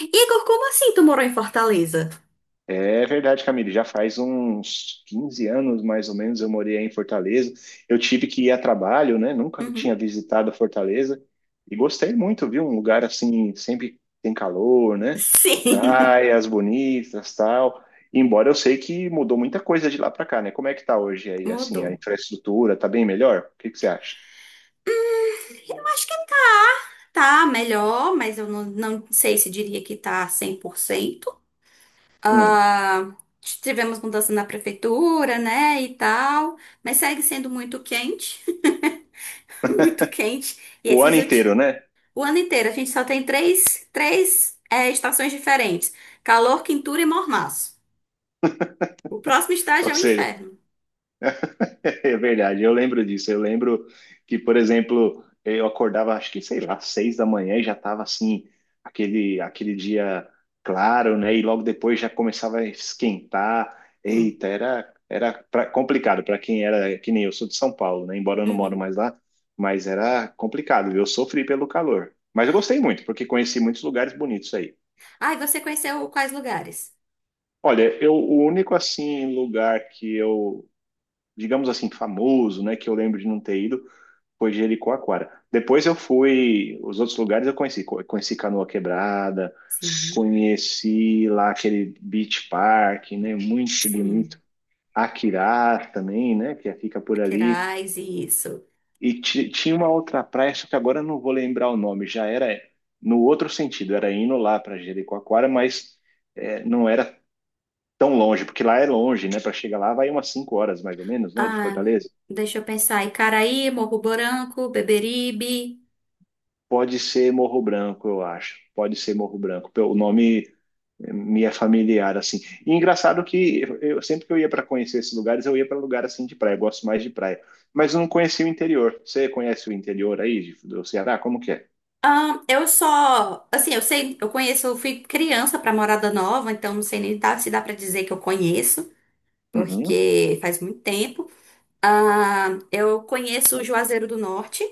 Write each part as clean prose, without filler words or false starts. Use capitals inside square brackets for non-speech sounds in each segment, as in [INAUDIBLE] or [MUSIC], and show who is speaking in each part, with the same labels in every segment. Speaker 1: Igor, como assim tu morou em Fortaleza?
Speaker 2: É verdade, Camille. Já faz uns 15 anos, mais ou menos, eu morei aí em Fortaleza. Eu tive que ir a trabalho, né? Nunca tinha
Speaker 1: Uhum.
Speaker 2: visitado Fortaleza e gostei muito, viu? Um lugar assim, sempre tem calor, né?
Speaker 1: Sim,
Speaker 2: Praias bonitas, tal. Embora eu sei que mudou muita coisa de lá para cá, né? Como é que tá hoje
Speaker 1: [LAUGHS]
Speaker 2: aí, assim, a
Speaker 1: mudou.
Speaker 2: infraestrutura? Tá bem melhor? O que que você acha?
Speaker 1: Eu acho que tá melhor, mas eu não sei se diria que tá 100%.
Speaker 2: Hum.
Speaker 1: Ah, tivemos mudança na prefeitura, né, e tal, mas segue sendo muito quente, [LAUGHS] muito quente. E
Speaker 2: O
Speaker 1: esses
Speaker 2: ano
Speaker 1: últimos...
Speaker 2: inteiro, né?
Speaker 1: O ano inteiro a gente só tem três estações diferentes. Calor, quintura e mormaço. O próximo estágio
Speaker 2: Ou
Speaker 1: é o
Speaker 2: seja,
Speaker 1: inferno.
Speaker 2: [LAUGHS] é verdade, eu lembro disso. Eu lembro que, por exemplo, eu acordava, acho que, sei lá, 6 da manhã e já estava assim, aquele dia claro, né? E logo depois já começava a esquentar.
Speaker 1: Sim.
Speaker 2: Eita, era complicado para quem era, que nem eu sou de São Paulo, né? Embora eu não moro
Speaker 1: Uhum.
Speaker 2: mais lá, mas era complicado. Eu sofri pelo calor. Mas eu gostei muito, porque conheci muitos lugares bonitos aí.
Speaker 1: Ah, e você conheceu quais lugares?
Speaker 2: Olha, eu, o único assim lugar que eu, digamos assim, famoso, né, que eu lembro de não ter ido foi Jericoacoara. Depois eu fui, os outros lugares eu conheci, conheci Canoa Quebrada,
Speaker 1: Sim,
Speaker 2: conheci lá aquele Beach Park, né? Muito bonito.
Speaker 1: sim.
Speaker 2: Aquirá também, né? Que fica por ali.
Speaker 1: Queirais, isso.
Speaker 2: E tinha uma outra praia, só que agora eu não vou lembrar o nome. Já era no outro sentido, era indo lá para Jericoacoara, mas é, não era tão longe, porque lá é longe, né? Para chegar lá vai umas 5 horas mais ou menos, né? De
Speaker 1: Ah,
Speaker 2: Fortaleza.
Speaker 1: deixa eu pensar. Icaraí, Morro Branco, Beberibe.
Speaker 2: Pode ser Morro Branco, eu acho. Pode ser Morro Branco. O nome me é familiar assim. E engraçado que eu sempre que eu ia para conhecer esses lugares, eu ia para lugar assim de praia, eu gosto mais de praia, mas eu não conhecia o interior. Você conhece o interior aí do Ceará? Como que é?
Speaker 1: Ah, eu só, assim, eu sei, eu conheço, eu fui criança pra Morada Nova, então não sei nem dá- se dá pra dizer que eu conheço,
Speaker 2: Uhum.
Speaker 1: porque faz muito tempo. Ah, eu conheço o Juazeiro do Norte.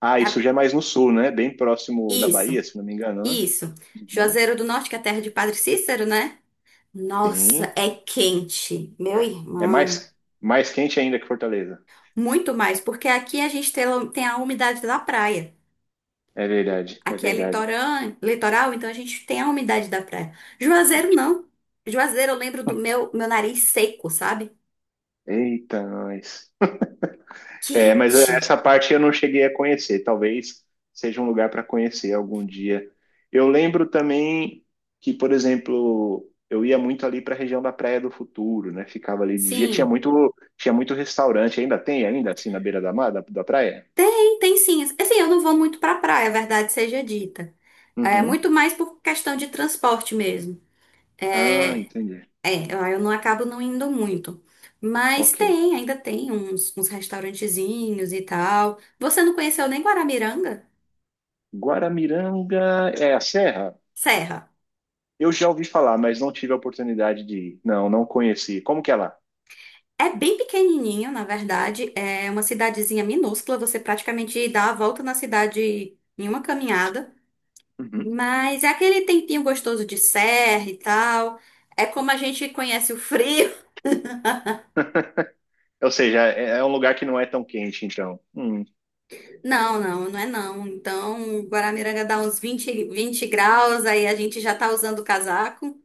Speaker 2: Ah,
Speaker 1: Que
Speaker 2: isso
Speaker 1: é-
Speaker 2: já é mais no sul, né? Bem próximo da Bahia,
Speaker 1: Isso,
Speaker 2: se não me engano, né?
Speaker 1: isso.
Speaker 2: Uhum.
Speaker 1: Juazeiro do Norte, que é a terra de Padre Cícero, né? Nossa,
Speaker 2: Sim.
Speaker 1: é quente, meu
Speaker 2: É
Speaker 1: irmão.
Speaker 2: mais quente ainda que Fortaleza.
Speaker 1: Muito mais, porque aqui a gente tem a umidade da praia.
Speaker 2: É verdade, é
Speaker 1: Aqui é
Speaker 2: verdade.
Speaker 1: litorã- litoral, então a gente tem a umidade da praia. Juazeiro não. Juazeiro, eu lembro do meu nariz seco, sabe?
Speaker 2: Eita, nós. É, mas
Speaker 1: Quente.
Speaker 2: essa parte eu não cheguei a conhecer. Talvez seja um lugar para conhecer algum dia. Eu lembro também que, por exemplo, eu ia muito ali para a região da Praia do Futuro, né? Ficava ali de dia.
Speaker 1: Sim,
Speaker 2: Tinha muito restaurante. Ainda tem, ainda assim, na beira da mar, da praia?
Speaker 1: tem, tem sim. Assim, eu não vou muito pra praia, a verdade seja dita. É
Speaker 2: Uhum.
Speaker 1: muito mais por questão de transporte mesmo.
Speaker 2: Ah,
Speaker 1: É,
Speaker 2: entendi.
Speaker 1: é, eu não acabo não indo muito. Mas
Speaker 2: Ok.
Speaker 1: tem, ainda tem uns, uns restaurantezinhos e tal. Você não conheceu nem Guaramiranga?
Speaker 2: Guaramiranga é a serra?
Speaker 1: Serra.
Speaker 2: Eu já ouvi falar, mas não tive a oportunidade de ir. Não, não conheci. Como que é lá?
Speaker 1: É bem pequenininho, na verdade. É uma cidadezinha minúscula. Você praticamente dá a volta na cidade em uma caminhada.
Speaker 2: Uhum.
Speaker 1: Mas é aquele tempinho gostoso de serra e tal. É como a gente conhece o frio. [LAUGHS]
Speaker 2: Ou seja, é, é um lugar que não é tão quente, então. Hum.
Speaker 1: Não, não, não é não. Então, Guaramiranga dá uns 20, 20 graus, aí a gente já tá usando o casaco.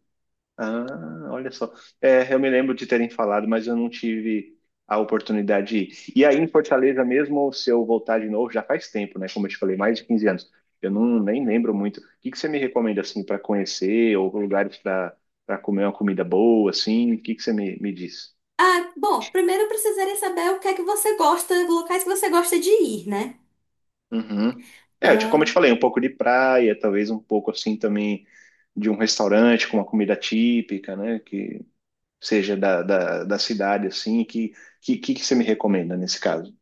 Speaker 2: Ah, olha só. É, eu me lembro de terem falado, mas eu não tive a oportunidade de ir. E aí em Fortaleza mesmo, se eu voltar de novo, já faz tempo, né? Como eu te falei, mais de 15 anos. Eu não nem lembro muito. O que que você me recomenda assim para conhecer ou lugares para comer uma comida boa assim? O que que você me, me diz?
Speaker 1: Ah, bom, primeiro eu precisaria saber o que é que você gosta, locais que você gosta de ir, né?
Speaker 2: Uhum. É, eu como eu
Speaker 1: Ah,
Speaker 2: te falei, um pouco de praia, talvez um pouco assim também de um restaurante com uma comida típica, né? Seja da cidade, assim, que você me recomenda nesse caso?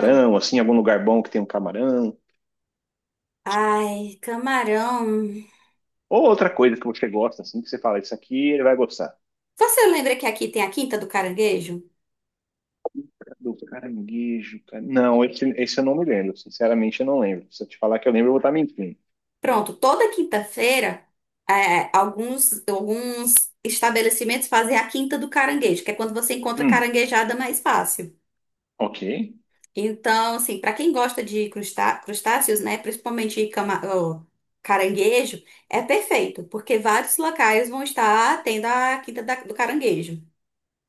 Speaker 1: hum.
Speaker 2: assim, algum lugar bom que tem um camarão?
Speaker 1: Ai, camarão.
Speaker 2: Ou outra coisa que você gosta, assim, que você fala, isso aqui ele vai gostar.
Speaker 1: Você lembra que aqui tem a Quinta do Caranguejo?
Speaker 2: Do caranguejo, cara... Não, esse eu não me lembro, sinceramente eu não lembro. Se eu te falar que eu lembro, eu vou estar mentindo.
Speaker 1: Pronto, toda quinta-feira, alguns estabelecimentos fazem a Quinta do Caranguejo, que é quando você encontra
Speaker 2: Hum,
Speaker 1: caranguejada mais fácil.
Speaker 2: ok.
Speaker 1: Então, assim, para quem gosta de crustá- crustáceos, né, principalmente cama- ó, caranguejo, é perfeito, porque vários locais vão estar tendo a Quinta da- do Caranguejo.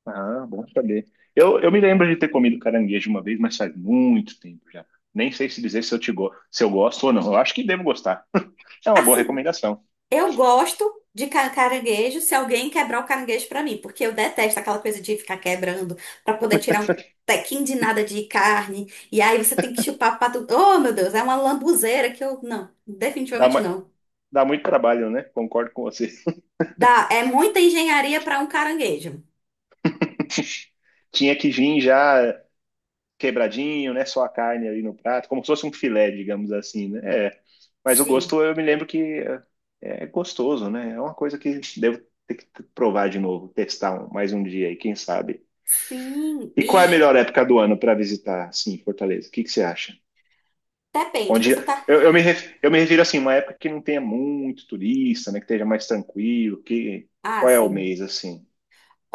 Speaker 2: Ah, bom saber. Eu me lembro de ter comido caranguejo uma vez, mas faz muito tempo já. Nem sei se dizer se eu, te go... se eu gosto ou não. Eu acho que devo gostar. [LAUGHS] É uma boa
Speaker 1: Assim.
Speaker 2: recomendação.
Speaker 1: Eu gosto de ca- caranguejo se alguém quebrar o caranguejo pra mim, porque eu detesto aquela coisa de ficar quebrando pra poder tirar um tequinho de nada de carne. E aí você tem que chupar pra tudo. Oh, meu Deus, é uma lambuzeira que eu. Não,
Speaker 2: Dá
Speaker 1: definitivamente
Speaker 2: uma...
Speaker 1: não.
Speaker 2: dá muito trabalho, né? Concordo com você.
Speaker 1: Dá, é muita engenharia pra um caranguejo.
Speaker 2: Tinha que vir já quebradinho, né? Só a carne ali no prato, como se fosse um filé, digamos assim, né? É. Mas o
Speaker 1: Sim,
Speaker 2: gosto, eu me lembro que é gostoso, né? É uma coisa que devo ter que provar de novo, mais um dia aí, quem sabe.
Speaker 1: sim.
Speaker 2: E qual é a
Speaker 1: E
Speaker 2: melhor época do ano para visitar, assim, Fortaleza? O que que você acha?
Speaker 1: depende,
Speaker 2: Onde
Speaker 1: você tá.
Speaker 2: eu me refiro assim, uma época que não tenha muito turista, né? Que esteja mais tranquilo. Que
Speaker 1: Ah,
Speaker 2: Qual é o
Speaker 1: sim.
Speaker 2: mês assim?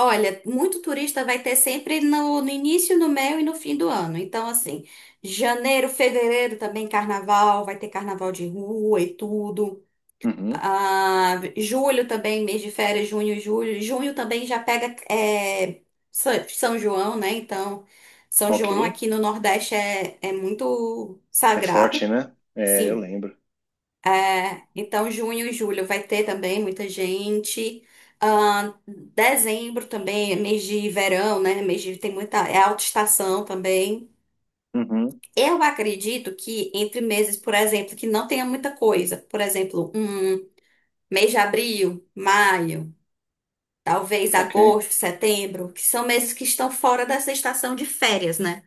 Speaker 1: Olha, muito turista vai ter sempre no início, no meio e no fim do ano. Então, assim, janeiro, fevereiro também carnaval, vai ter carnaval de rua e tudo.
Speaker 2: Uhum,
Speaker 1: Ah, julho também, mês de férias, junho, julho. Junho também já pega é, Sa- São João, né? Então, São
Speaker 2: ok.
Speaker 1: João aqui no Nordeste é, é muito
Speaker 2: É forte,
Speaker 1: sagrado.
Speaker 2: né? É, eu
Speaker 1: Sim.
Speaker 2: lembro.
Speaker 1: É, então, junho e julho vai ter também muita gente. Dezembro também, é mês de verão, né? Mês de, tem muita, é alta estação também.
Speaker 2: Uhum.
Speaker 1: Eu acredito que entre meses, por exemplo, que não tenha muita coisa. Por exemplo, um mês de abril, maio, talvez
Speaker 2: Ok.
Speaker 1: agosto, setembro, que são meses que estão fora dessa estação de férias, né?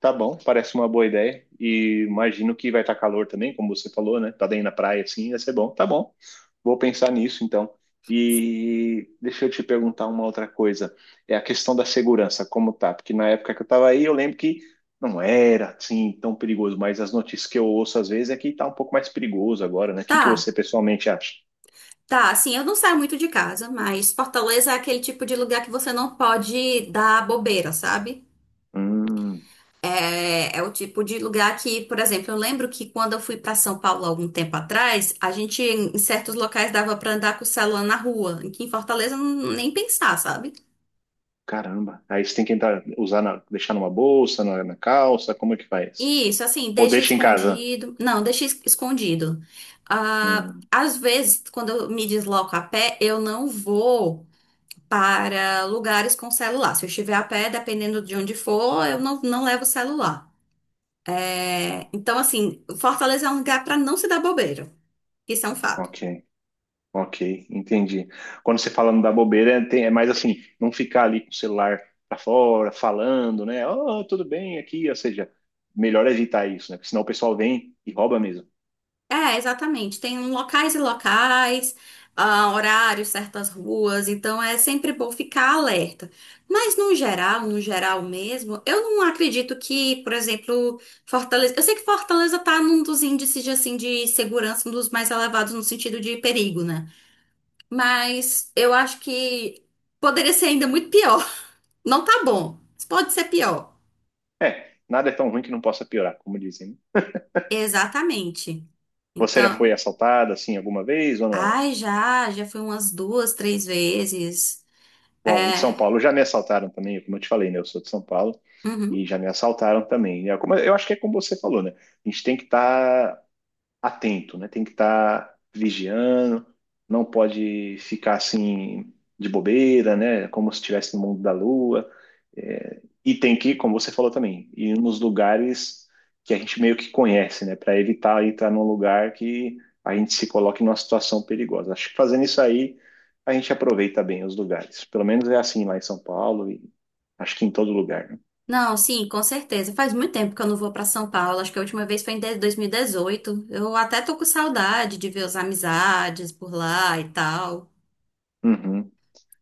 Speaker 2: Tá bom, parece uma boa ideia. E imagino que vai estar calor também, como você falou, né? Tá bem na praia assim, vai ser bom. Tá bom. Vou pensar nisso então. E deixa eu te perguntar uma outra coisa. É a questão da segurança, como tá? Porque na época que eu tava aí, eu lembro que não era assim tão perigoso, mas as notícias que eu ouço às vezes é que tá um pouco mais perigoso agora, né? O que
Speaker 1: Tá,
Speaker 2: que você pessoalmente acha?
Speaker 1: tá. Assim, eu não saio muito de casa, mas Fortaleza é aquele tipo de lugar que você não pode dar bobeira, sabe?
Speaker 2: Hum.
Speaker 1: É, é o tipo de lugar que, por exemplo, eu lembro que quando eu fui para São Paulo algum tempo atrás, a gente em certos locais dava para andar com o celular na rua, que em Fortaleza não- nem pensar, sabe?
Speaker 2: Caramba. Aí você tem que entrar, deixar numa bolsa, na calça, como é que faz?
Speaker 1: E isso, assim,
Speaker 2: Ou
Speaker 1: deixa
Speaker 2: deixa em casa?
Speaker 1: escondido. Não, deixa es- escondido. Ah,
Speaker 2: Hum,
Speaker 1: às vezes, quando eu me desloco a pé, eu não vou para lugares com celular. Se eu estiver a pé, dependendo de onde for, eu não levo celular. É, então, assim, Fortaleza é um lugar para não se dar bobeira. Isso é um fato.
Speaker 2: ok, ok, entendi. Quando você fala não dar bobeira, é, é mais assim, não ficar ali com o celular pra fora, falando, né? Oh, tudo bem aqui, ou seja, melhor evitar isso, né? Porque senão o pessoal vem e rouba mesmo.
Speaker 1: É, exatamente. Tem um locais e locais, ah, horários, certas ruas, então é sempre bom ficar alerta. Mas no geral, no geral mesmo, eu não acredito que, por exemplo, Fortaleza. Eu sei que Fortaleza tá num dos índices de, assim, de segurança, um dos mais elevados no sentido de perigo, né? Mas eu acho que poderia ser ainda muito pior. [LAUGHS] Não tá bom, mas pode ser pior.
Speaker 2: É, nada é tão ruim que não possa piorar, como dizem, né?
Speaker 1: Exatamente.
Speaker 2: Você já foi
Speaker 1: Então,
Speaker 2: assaltada assim alguma vez ou não?
Speaker 1: ai, já, já fui umas duas, três vezes.
Speaker 2: Bom, em São
Speaker 1: É.
Speaker 2: Paulo já me assaltaram também, como eu te falei, né? Eu sou de São Paulo
Speaker 1: Uhum.
Speaker 2: e já me assaltaram também. É como- eu acho que é como você falou, né? A gente tem que estar atento, né? Tem que estar vigiando, não pode ficar assim de bobeira, né? Como se estivesse no mundo da lua. É, e tem que, como você falou também, ir nos lugares que a gente meio que conhece, né? Para evitar entrar num lugar que a gente se coloque numa situação perigosa. Acho que fazendo isso aí, a gente aproveita bem os lugares. Pelo menos é assim lá em São Paulo e acho que em todo lugar, né?
Speaker 1: Não, sim, com certeza. Faz muito tempo que eu não vou para São Paulo. Acho que a última vez foi em de- 2018. Eu até tô com saudade de ver as amizades por lá e tal.
Speaker 2: Uhum.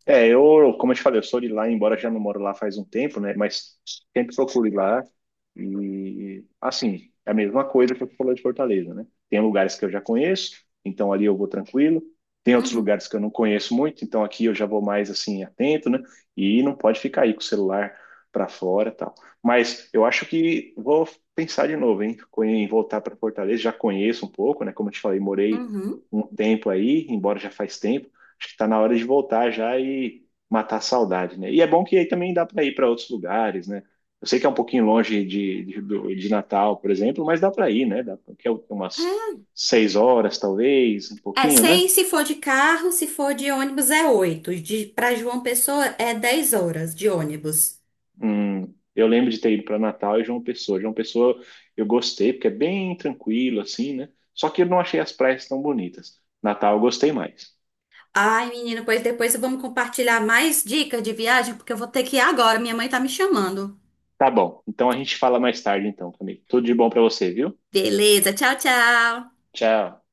Speaker 2: É, eu, como eu te falei, eu sou de lá, embora já não moro lá faz um tempo, né? Mas sempre procuro ir lá. E, assim, é a mesma coisa que eu falei de Fortaleza, né? Tem lugares que eu já conheço, então ali eu vou tranquilo. Tem outros
Speaker 1: Uhum.
Speaker 2: lugares que eu não conheço muito, então aqui eu já vou mais, assim, atento, né? E não pode ficar aí com o celular para fora e tal. Mas eu acho que vou pensar de novo, hein? Em voltar para Fortaleza, já conheço um pouco, né? Como eu te falei, morei
Speaker 1: Uhum.
Speaker 2: um tempo aí, embora já faz tempo. Acho que tá na hora de voltar já e matar a saudade, né? E é bom que aí também dá para ir para outros lugares, né? Eu sei que é um pouquinho longe de Natal, por exemplo, mas dá para ir, né? Dá, que é umas
Speaker 1: É,
Speaker 2: 6 horas, talvez, um
Speaker 1: é,
Speaker 2: pouquinho,
Speaker 1: sei
Speaker 2: né?
Speaker 1: se for de carro, se for de ônibus é 8. De, para João Pessoa é 10 horas de ônibus.
Speaker 2: Eu lembro de ter ido para Natal e João Pessoa. João Pessoa eu gostei, porque é bem tranquilo, assim, né? Só que eu não achei as praias tão bonitas. Natal eu gostei mais.
Speaker 1: Ai, menino, pois depois vamos compartilhar mais dicas de viagem, porque eu vou ter que ir agora. Minha mãe tá me chamando.
Speaker 2: Tá bom, então a gente fala mais tarde, então, Camilo. Tudo de bom para você, viu?
Speaker 1: Beleza, tchau, tchau.
Speaker 2: Tchau.